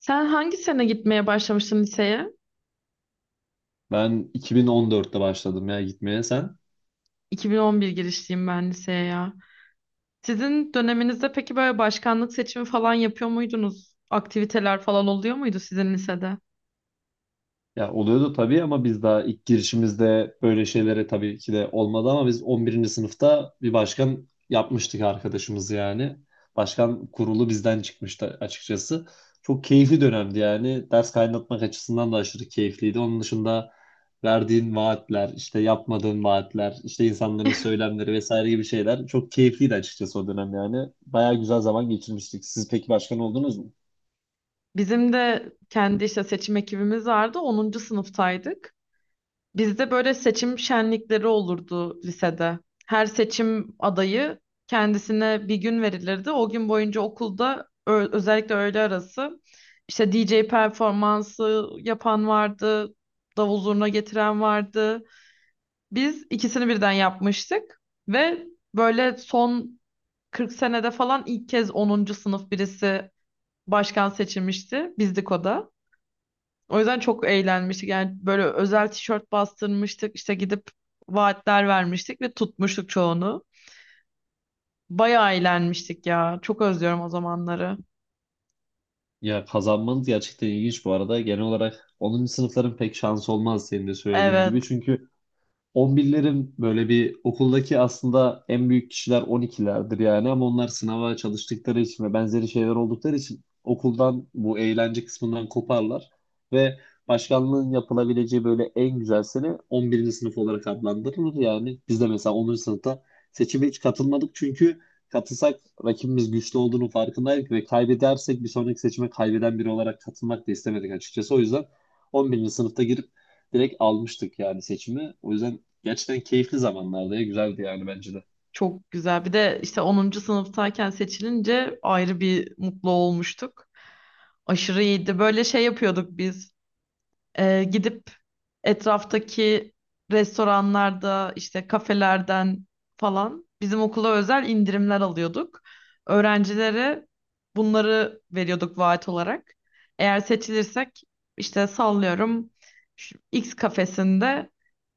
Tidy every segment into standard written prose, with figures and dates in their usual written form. Sen hangi sene gitmeye başlamıştın liseye? Ben 2014'te başladım ya gitmeye sen. 2011 girişliyim ben liseye ya. Sizin döneminizde peki böyle başkanlık seçimi falan yapıyor muydunuz? Aktiviteler falan oluyor muydu sizin lisede? Ya oluyordu tabii ama biz daha ilk girişimizde böyle şeylere tabii ki de olmadı ama biz 11. sınıfta bir başkan yapmıştık arkadaşımız yani. Başkan kurulu bizden çıkmıştı açıkçası. Çok keyifli dönemdi yani. Ders kaynatmak açısından da aşırı keyifliydi. Onun dışında verdiğin vaatler, işte yapmadığın vaatler, işte insanların söylemleri vesaire gibi şeyler çok keyifliydi açıkçası o dönem yani. Bayağı güzel zaman geçirmiştik. Siz peki başkan oldunuz mu? Bizim de kendi işte seçim ekibimiz vardı. Onuncu sınıftaydık. Bizde böyle seçim şenlikleri olurdu lisede. Her seçim adayı kendisine bir gün verilirdi. O gün boyunca okulda özellikle öğle arası işte DJ performansı yapan vardı, davul zurna getiren vardı. Biz ikisini birden yapmıştık ve böyle son 40 senede falan ilk kez onuncu sınıf birisi başkan seçilmişti. Bizdik o da. O yüzden çok eğlenmiştik. Yani böyle özel tişört bastırmıştık. İşte gidip vaatler vermiştik ve tutmuştuk çoğunu. Bayağı eğlenmiştik ya. Çok özlüyorum o zamanları. Ya kazanmanız gerçekten ilginç bu arada. Genel olarak 10. sınıfların pek şansı olmaz senin de söylediğin gibi. Evet, Çünkü 11'lerin böyle bir okuldaki aslında en büyük kişiler 12'lerdir yani ama onlar sınava çalıştıkları için ve benzeri şeyler oldukları için okuldan bu eğlence kısmından koparlar ve başkanlığın yapılabileceği böyle en güzel sene 11. sınıf olarak adlandırılır yani biz de mesela 10. sınıfta seçime hiç katılmadık çünkü katılsak rakibimiz güçlü olduğunu farkındaydık ve kaybedersek bir sonraki seçime kaybeden biri olarak katılmak da istemedik açıkçası o yüzden 11. sınıfta girip direkt almıştık yani seçimi. O yüzden gerçekten keyifli zamanlardı ya. Güzeldi yani bence de. çok güzel. Bir de işte onuncu sınıftayken seçilince ayrı bir mutlu olmuştuk. Aşırı iyiydi. Böyle şey yapıyorduk biz. Gidip etraftaki restoranlarda işte kafelerden falan bizim okula özel indirimler alıyorduk. Öğrencilere bunları veriyorduk vaat olarak. Eğer seçilirsek işte sallıyorum şu X kafesinde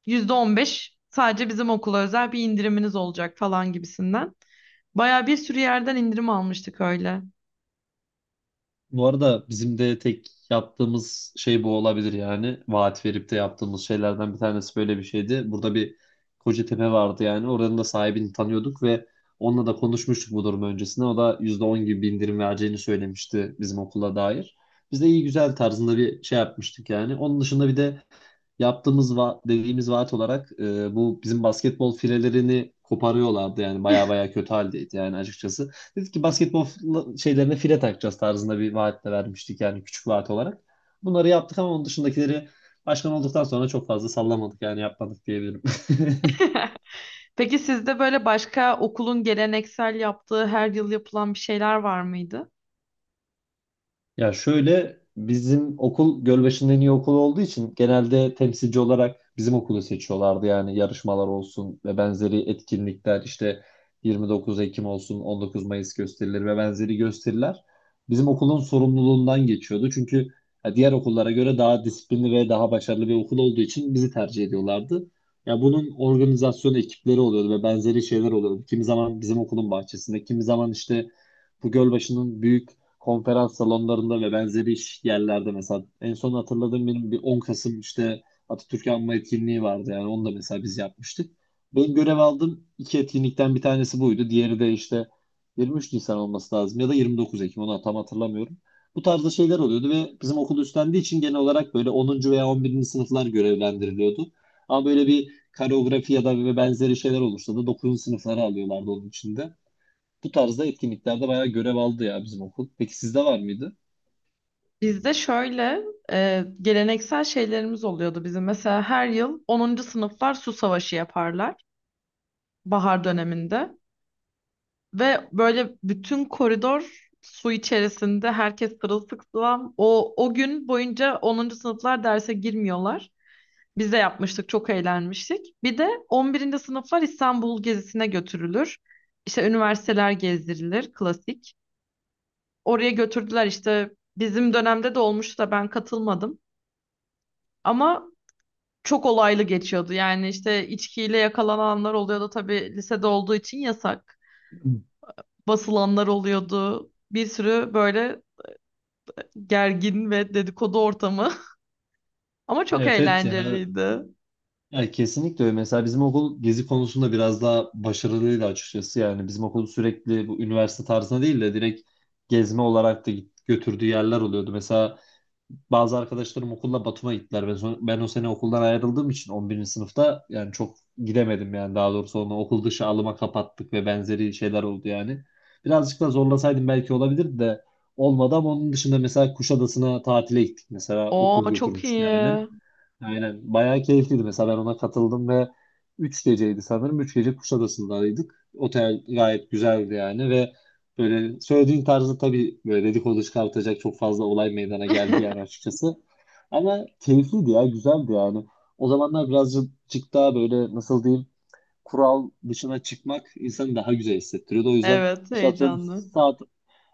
%15 sadece bizim okula özel bir indiriminiz olacak falan gibisinden. Baya bir sürü yerden indirim almıştık öyle. Bu arada bizim de tek yaptığımız şey bu olabilir yani. Vaat verip de yaptığımız şeylerden bir tanesi böyle bir şeydi. Burada bir Kocatepe vardı yani. Oranın da sahibini tanıyorduk ve onunla da konuşmuştuk bu durum öncesinde. O da %10 gibi bir indirim vereceğini söylemişti bizim okula dair. Biz de iyi güzel tarzında bir şey yapmıştık yani. Onun dışında bir de yaptığımız dediğimiz vaat olarak bu bizim basketbol filelerini koparıyorlardı yani baya baya kötü haldeydi yani açıkçası. Dedik ki basketbol şeylerine file takacağız tarzında bir vaatle vermiştik yani küçük vaat olarak. Bunları yaptık ama onun dışındakileri başkan olduktan sonra çok fazla sallamadık yani yapmadık diyebilirim. Peki sizde böyle başka okulun geleneksel yaptığı her yıl yapılan bir şeyler var mıydı? Ya şöyle bizim okul Gölbaşı'nın en iyi okulu olduğu için genelde temsilci olarak bizim okulu seçiyorlardı. Yani yarışmalar olsun ve benzeri etkinlikler işte 29 Ekim olsun 19 Mayıs gösterileri ve benzeri gösteriler bizim okulun sorumluluğundan geçiyordu. Çünkü ya, diğer okullara göre daha disiplinli ve daha başarılı bir okul olduğu için bizi tercih ediyorlardı. Ya bunun organizasyon ekipleri oluyordu ve benzeri şeyler oluyordu. Kimi zaman bizim okulun bahçesinde, kimi zaman işte bu Gölbaşı'nın büyük konferans salonlarında ve benzeri iş yerlerde mesela en son hatırladığım benim bir 10 Kasım işte Atatürk Anma etkinliği vardı yani onu da mesela biz yapmıştık. Ben görev aldığım iki etkinlikten bir tanesi buydu. Diğeri de işte 23 Nisan olması lazım ya da 29 Ekim onu tam hatırlamıyorum. Bu tarzda şeyler oluyordu ve bizim okul üstlendiği için genel olarak böyle 10. veya 11. sınıflar görevlendiriliyordu. Ama böyle bir koreografi ya da ve benzeri şeyler olursa da 9. sınıfları alıyorlardı onun içinde. Bu tarzda etkinliklerde bayağı görev aldı ya bizim okul. Peki sizde var mıydı? Bizde şöyle geleneksel şeylerimiz oluyordu bizim. Mesela her yıl onuncu sınıflar su savaşı yaparlar bahar döneminde. Ve böyle bütün koridor su içerisinde herkes sırılsıklam. O gün boyunca onuncu sınıflar derse girmiyorlar. Biz de yapmıştık, çok eğlenmiştik. Bir de on birinci sınıflar İstanbul gezisine götürülür. İşte üniversiteler gezdirilir, klasik. Oraya götürdüler işte bizim dönemde de olmuştu da ben katılmadım. Ama çok olaylı geçiyordu. Yani işte içkiyle yakalananlar oluyordu tabii lisede olduğu için yasak. Basılanlar oluyordu. Bir sürü böyle gergin ve dedikodu ortamı. Ama çok Evet, evet ya. eğlenceliydi. Ya kesinlikle öyle. Mesela bizim okul gezi konusunda biraz daha başarılıydı açıkçası. Yani bizim okul sürekli bu üniversite tarzına değil de direkt gezme olarak da götürdüğü yerler oluyordu. Mesela bazı arkadaşlarım okulda Batum'a gittiler. Ben, ben o sene okuldan ayrıldığım için 11. sınıfta yani çok gidemedim yani daha doğrusu onu okul dışı alıma kapattık ve benzeri şeyler oldu yani. Birazcık da zorlasaydım belki olabilirdi de olmadı ama onun dışında mesela Kuşadası'na tatile gittik mesela Oo okul çok götürmüştü yani. iyi. Aynen. Bayağı keyifliydi mesela ben ona katıldım ve 3 geceydi sanırım. 3 gece Kuşadası'ndaydık. Otel gayet güzeldi yani ve böyle söylediğin tarzda tabii böyle dedikodu çıkartacak çok fazla olay meydana geldi yani açıkçası. Ama keyifliydi ya güzeldi yani. O zamanlar birazcık daha böyle nasıl diyeyim kural dışına çıkmak insanı daha güzel hissettiriyordu. O yüzden Evet, işte atıyorum heyecanlı. saat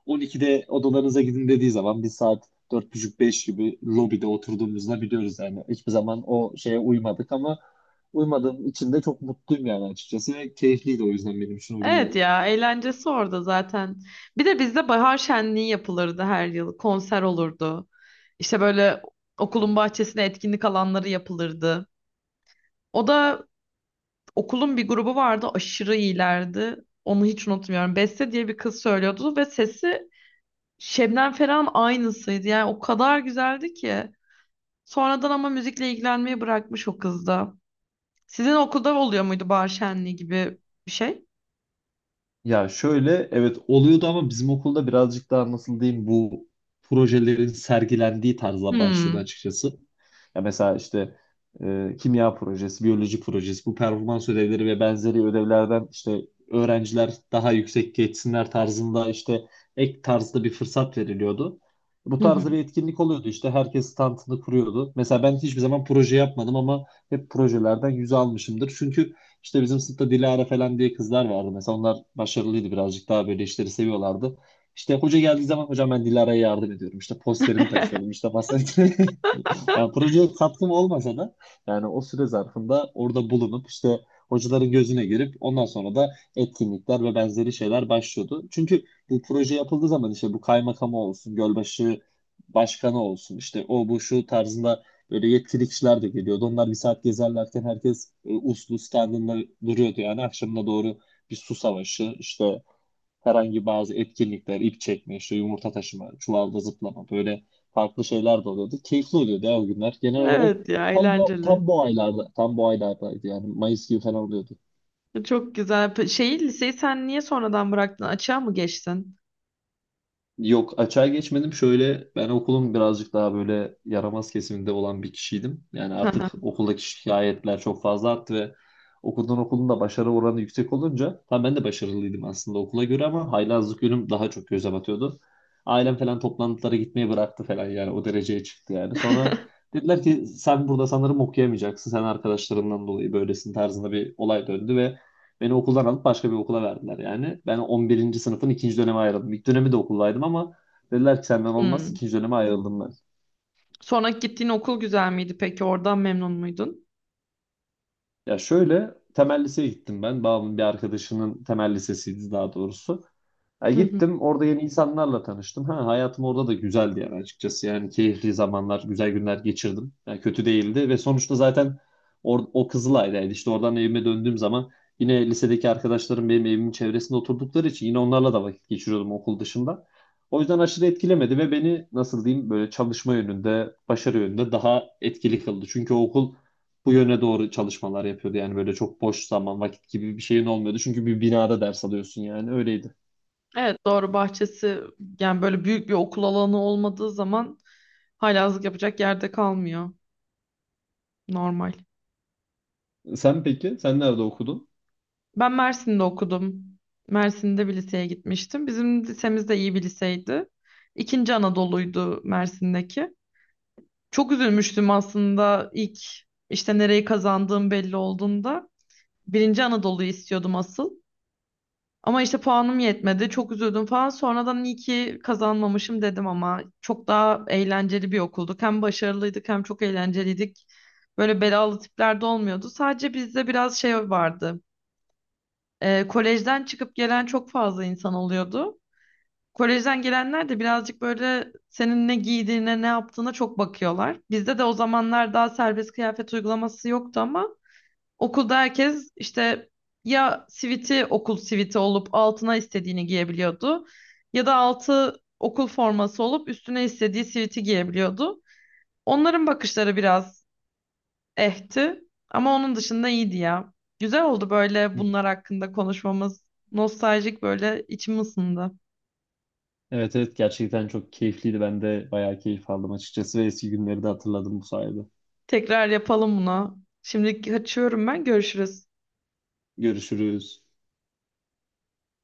12'de odalarınıza gidin dediği zaman bir saat 4:30-5 gibi lobide oturduğumuzda biliyoruz yani. Hiçbir zaman o şeye uymadık ama uymadığım için de çok mutluyum yani açıkçası. Ve keyifliydi o yüzden benim için o günler. Evet ya eğlencesi orada zaten. Bir de bizde bahar şenliği yapılırdı her yıl. Konser olurdu. İşte böyle okulun bahçesine etkinlik alanları yapılırdı. O da okulun bir grubu vardı aşırı iyilerdi. Onu hiç unutmuyorum. Beste diye bir kız söylüyordu ve sesi Şebnem Ferah'ın aynısıydı. Yani o kadar güzeldi ki. Sonradan ama müzikle ilgilenmeyi bırakmış o kız da. Sizin okulda oluyor muydu bahar şenliği gibi bir şey? Ya şöyle evet oluyordu ama bizim okulda birazcık daha nasıl diyeyim bu projelerin sergilendiği tarzla başlıyordu Hmm. açıkçası. Ya mesela işte kimya projesi, biyoloji projesi, bu performans ödevleri ve benzeri ödevlerden işte öğrenciler daha yüksek geçsinler tarzında işte ek tarzda bir fırsat veriliyordu. Bu tarzda bir etkinlik oluyordu işte herkes standını kuruyordu. Mesela ben hiçbir zaman proje yapmadım ama hep projelerden yüz almışımdır. Çünkü işte bizim sınıfta Dilara falan diye kızlar vardı. Mesela onlar başarılıydı birazcık daha böyle işleri seviyorlardı. İşte hoca geldiği zaman hocam ben Dilara'ya yardım ediyorum. İşte posterini taşıyordum İşte basansörü. Yani projeye katkım olmasa da yani o süre zarfında orada bulunup işte hocaların gözüne girip ondan sonra da etkinlikler ve benzeri şeyler başlıyordu. Çünkü bu proje yapıldığı zaman işte bu kaymakamı olsun, Gölbaşı başkanı olsun işte o bu şu tarzında böyle yetkili kişiler de geliyordu. Onlar bir saat gezerlerken herkes uslu standında duruyordu. Yani akşamına doğru bir su savaşı, işte herhangi bazı etkinlikler, ip çekme, işte yumurta taşıma, çuvalda zıplama böyle farklı şeyler de oluyordu. Keyifli oluyordu ya o günler. Genel olarak Evet ya eğlenceli. Tam bu aylardaydı yani Mayıs gibi falan oluyordu. Çok güzel. Şeyi liseyi sen niye sonradan bıraktın? Açığa mı geçtin? Yok açığa geçmedim. Şöyle ben okulun birazcık daha böyle yaramaz kesiminde olan bir kişiydim. Yani artık okuldaki şikayetler çok fazla arttı ve okuldan okulun da başarı oranı yüksek olunca tam ben de başarılıydım aslında okula göre ama haylazlık yönüm daha çok göze batıyordu. Ailem falan toplantılara gitmeyi bıraktı falan yani o dereceye çıktı yani. Sonra dediler ki sen burada sanırım okuyamayacaksın. Sen arkadaşlarından dolayı böylesin tarzında bir olay döndü ve beni okuldan alıp başka bir okula verdiler yani. Ben 11. sınıfın ikinci döneme ayrıldım. İlk dönemi de okuldaydım ama dediler ki senden olmaz. Hmm. İkinci döneme ayrıldım ben. Sonra gittiğin okul güzel miydi peki? Oradan memnun muydun? Ya şöyle temel liseye gittim ben. Babamın bir arkadaşının temel lisesiydi daha doğrusu. Ya Hı hı. gittim orada yeni insanlarla tanıştım. Ha, hayatım orada da güzeldi yani açıkçası. Yani keyifli zamanlar, güzel günler geçirdim. Yani kötü değildi ve sonuçta zaten o Kızılay'daydı. İşte oradan evime döndüğüm zaman yine lisedeki arkadaşlarım benim evimin çevresinde oturdukları için yine onlarla da vakit geçiriyordum okul dışında. O yüzden aşırı etkilemedi ve beni nasıl diyeyim böyle çalışma yönünde, başarı yönünde daha etkili kıldı. Çünkü o okul bu yöne doğru çalışmalar yapıyordu. Yani böyle çok boş zaman, vakit gibi bir şeyin olmuyordu. Çünkü bir binada ders alıyorsun yani öyleydi. Evet doğru, bahçesi yani böyle büyük bir okul alanı olmadığı zaman haylazlık yapacak yerde kalmıyor. Normal. Sen peki, sen nerede okudun? Ben Mersin'de okudum. Mersin'de bir liseye gitmiştim. Bizim lisemiz de iyi bir liseydi. İkinci Anadolu'ydu Mersin'deki. Çok üzülmüştüm aslında ilk işte nereyi kazandığım belli olduğunda. Birinci Anadolu'yu istiyordum asıl. Ama işte puanım yetmedi. Çok üzüldüm falan. Sonradan iyi ki kazanmamışım dedim ama çok daha eğlenceli bir okulduk. Hem başarılıydık hem çok eğlenceliydik. Böyle belalı tipler de olmuyordu. Sadece bizde biraz şey vardı. Kolejden çıkıp gelen çok fazla insan oluyordu. Kolejden gelenler de birazcık böyle senin ne giydiğine, ne yaptığına çok bakıyorlar. Bizde de o zamanlar daha serbest kıyafet uygulaması yoktu ama okulda herkes işte ya siviti okul siviti olup altına istediğini giyebiliyordu ya da altı okul forması olup üstüne istediği siviti giyebiliyordu. Onların bakışları biraz ehti ama onun dışında iyiydi ya. Güzel oldu böyle bunlar hakkında konuşmamız. Nostaljik böyle içim ısındı. Evet, evet gerçekten çok keyifliydi. Ben de bayağı keyif aldım açıkçası ve eski günleri de hatırladım bu sayede. Tekrar yapalım bunu. Şimdi kaçıyorum ben. Görüşürüz. Görüşürüz.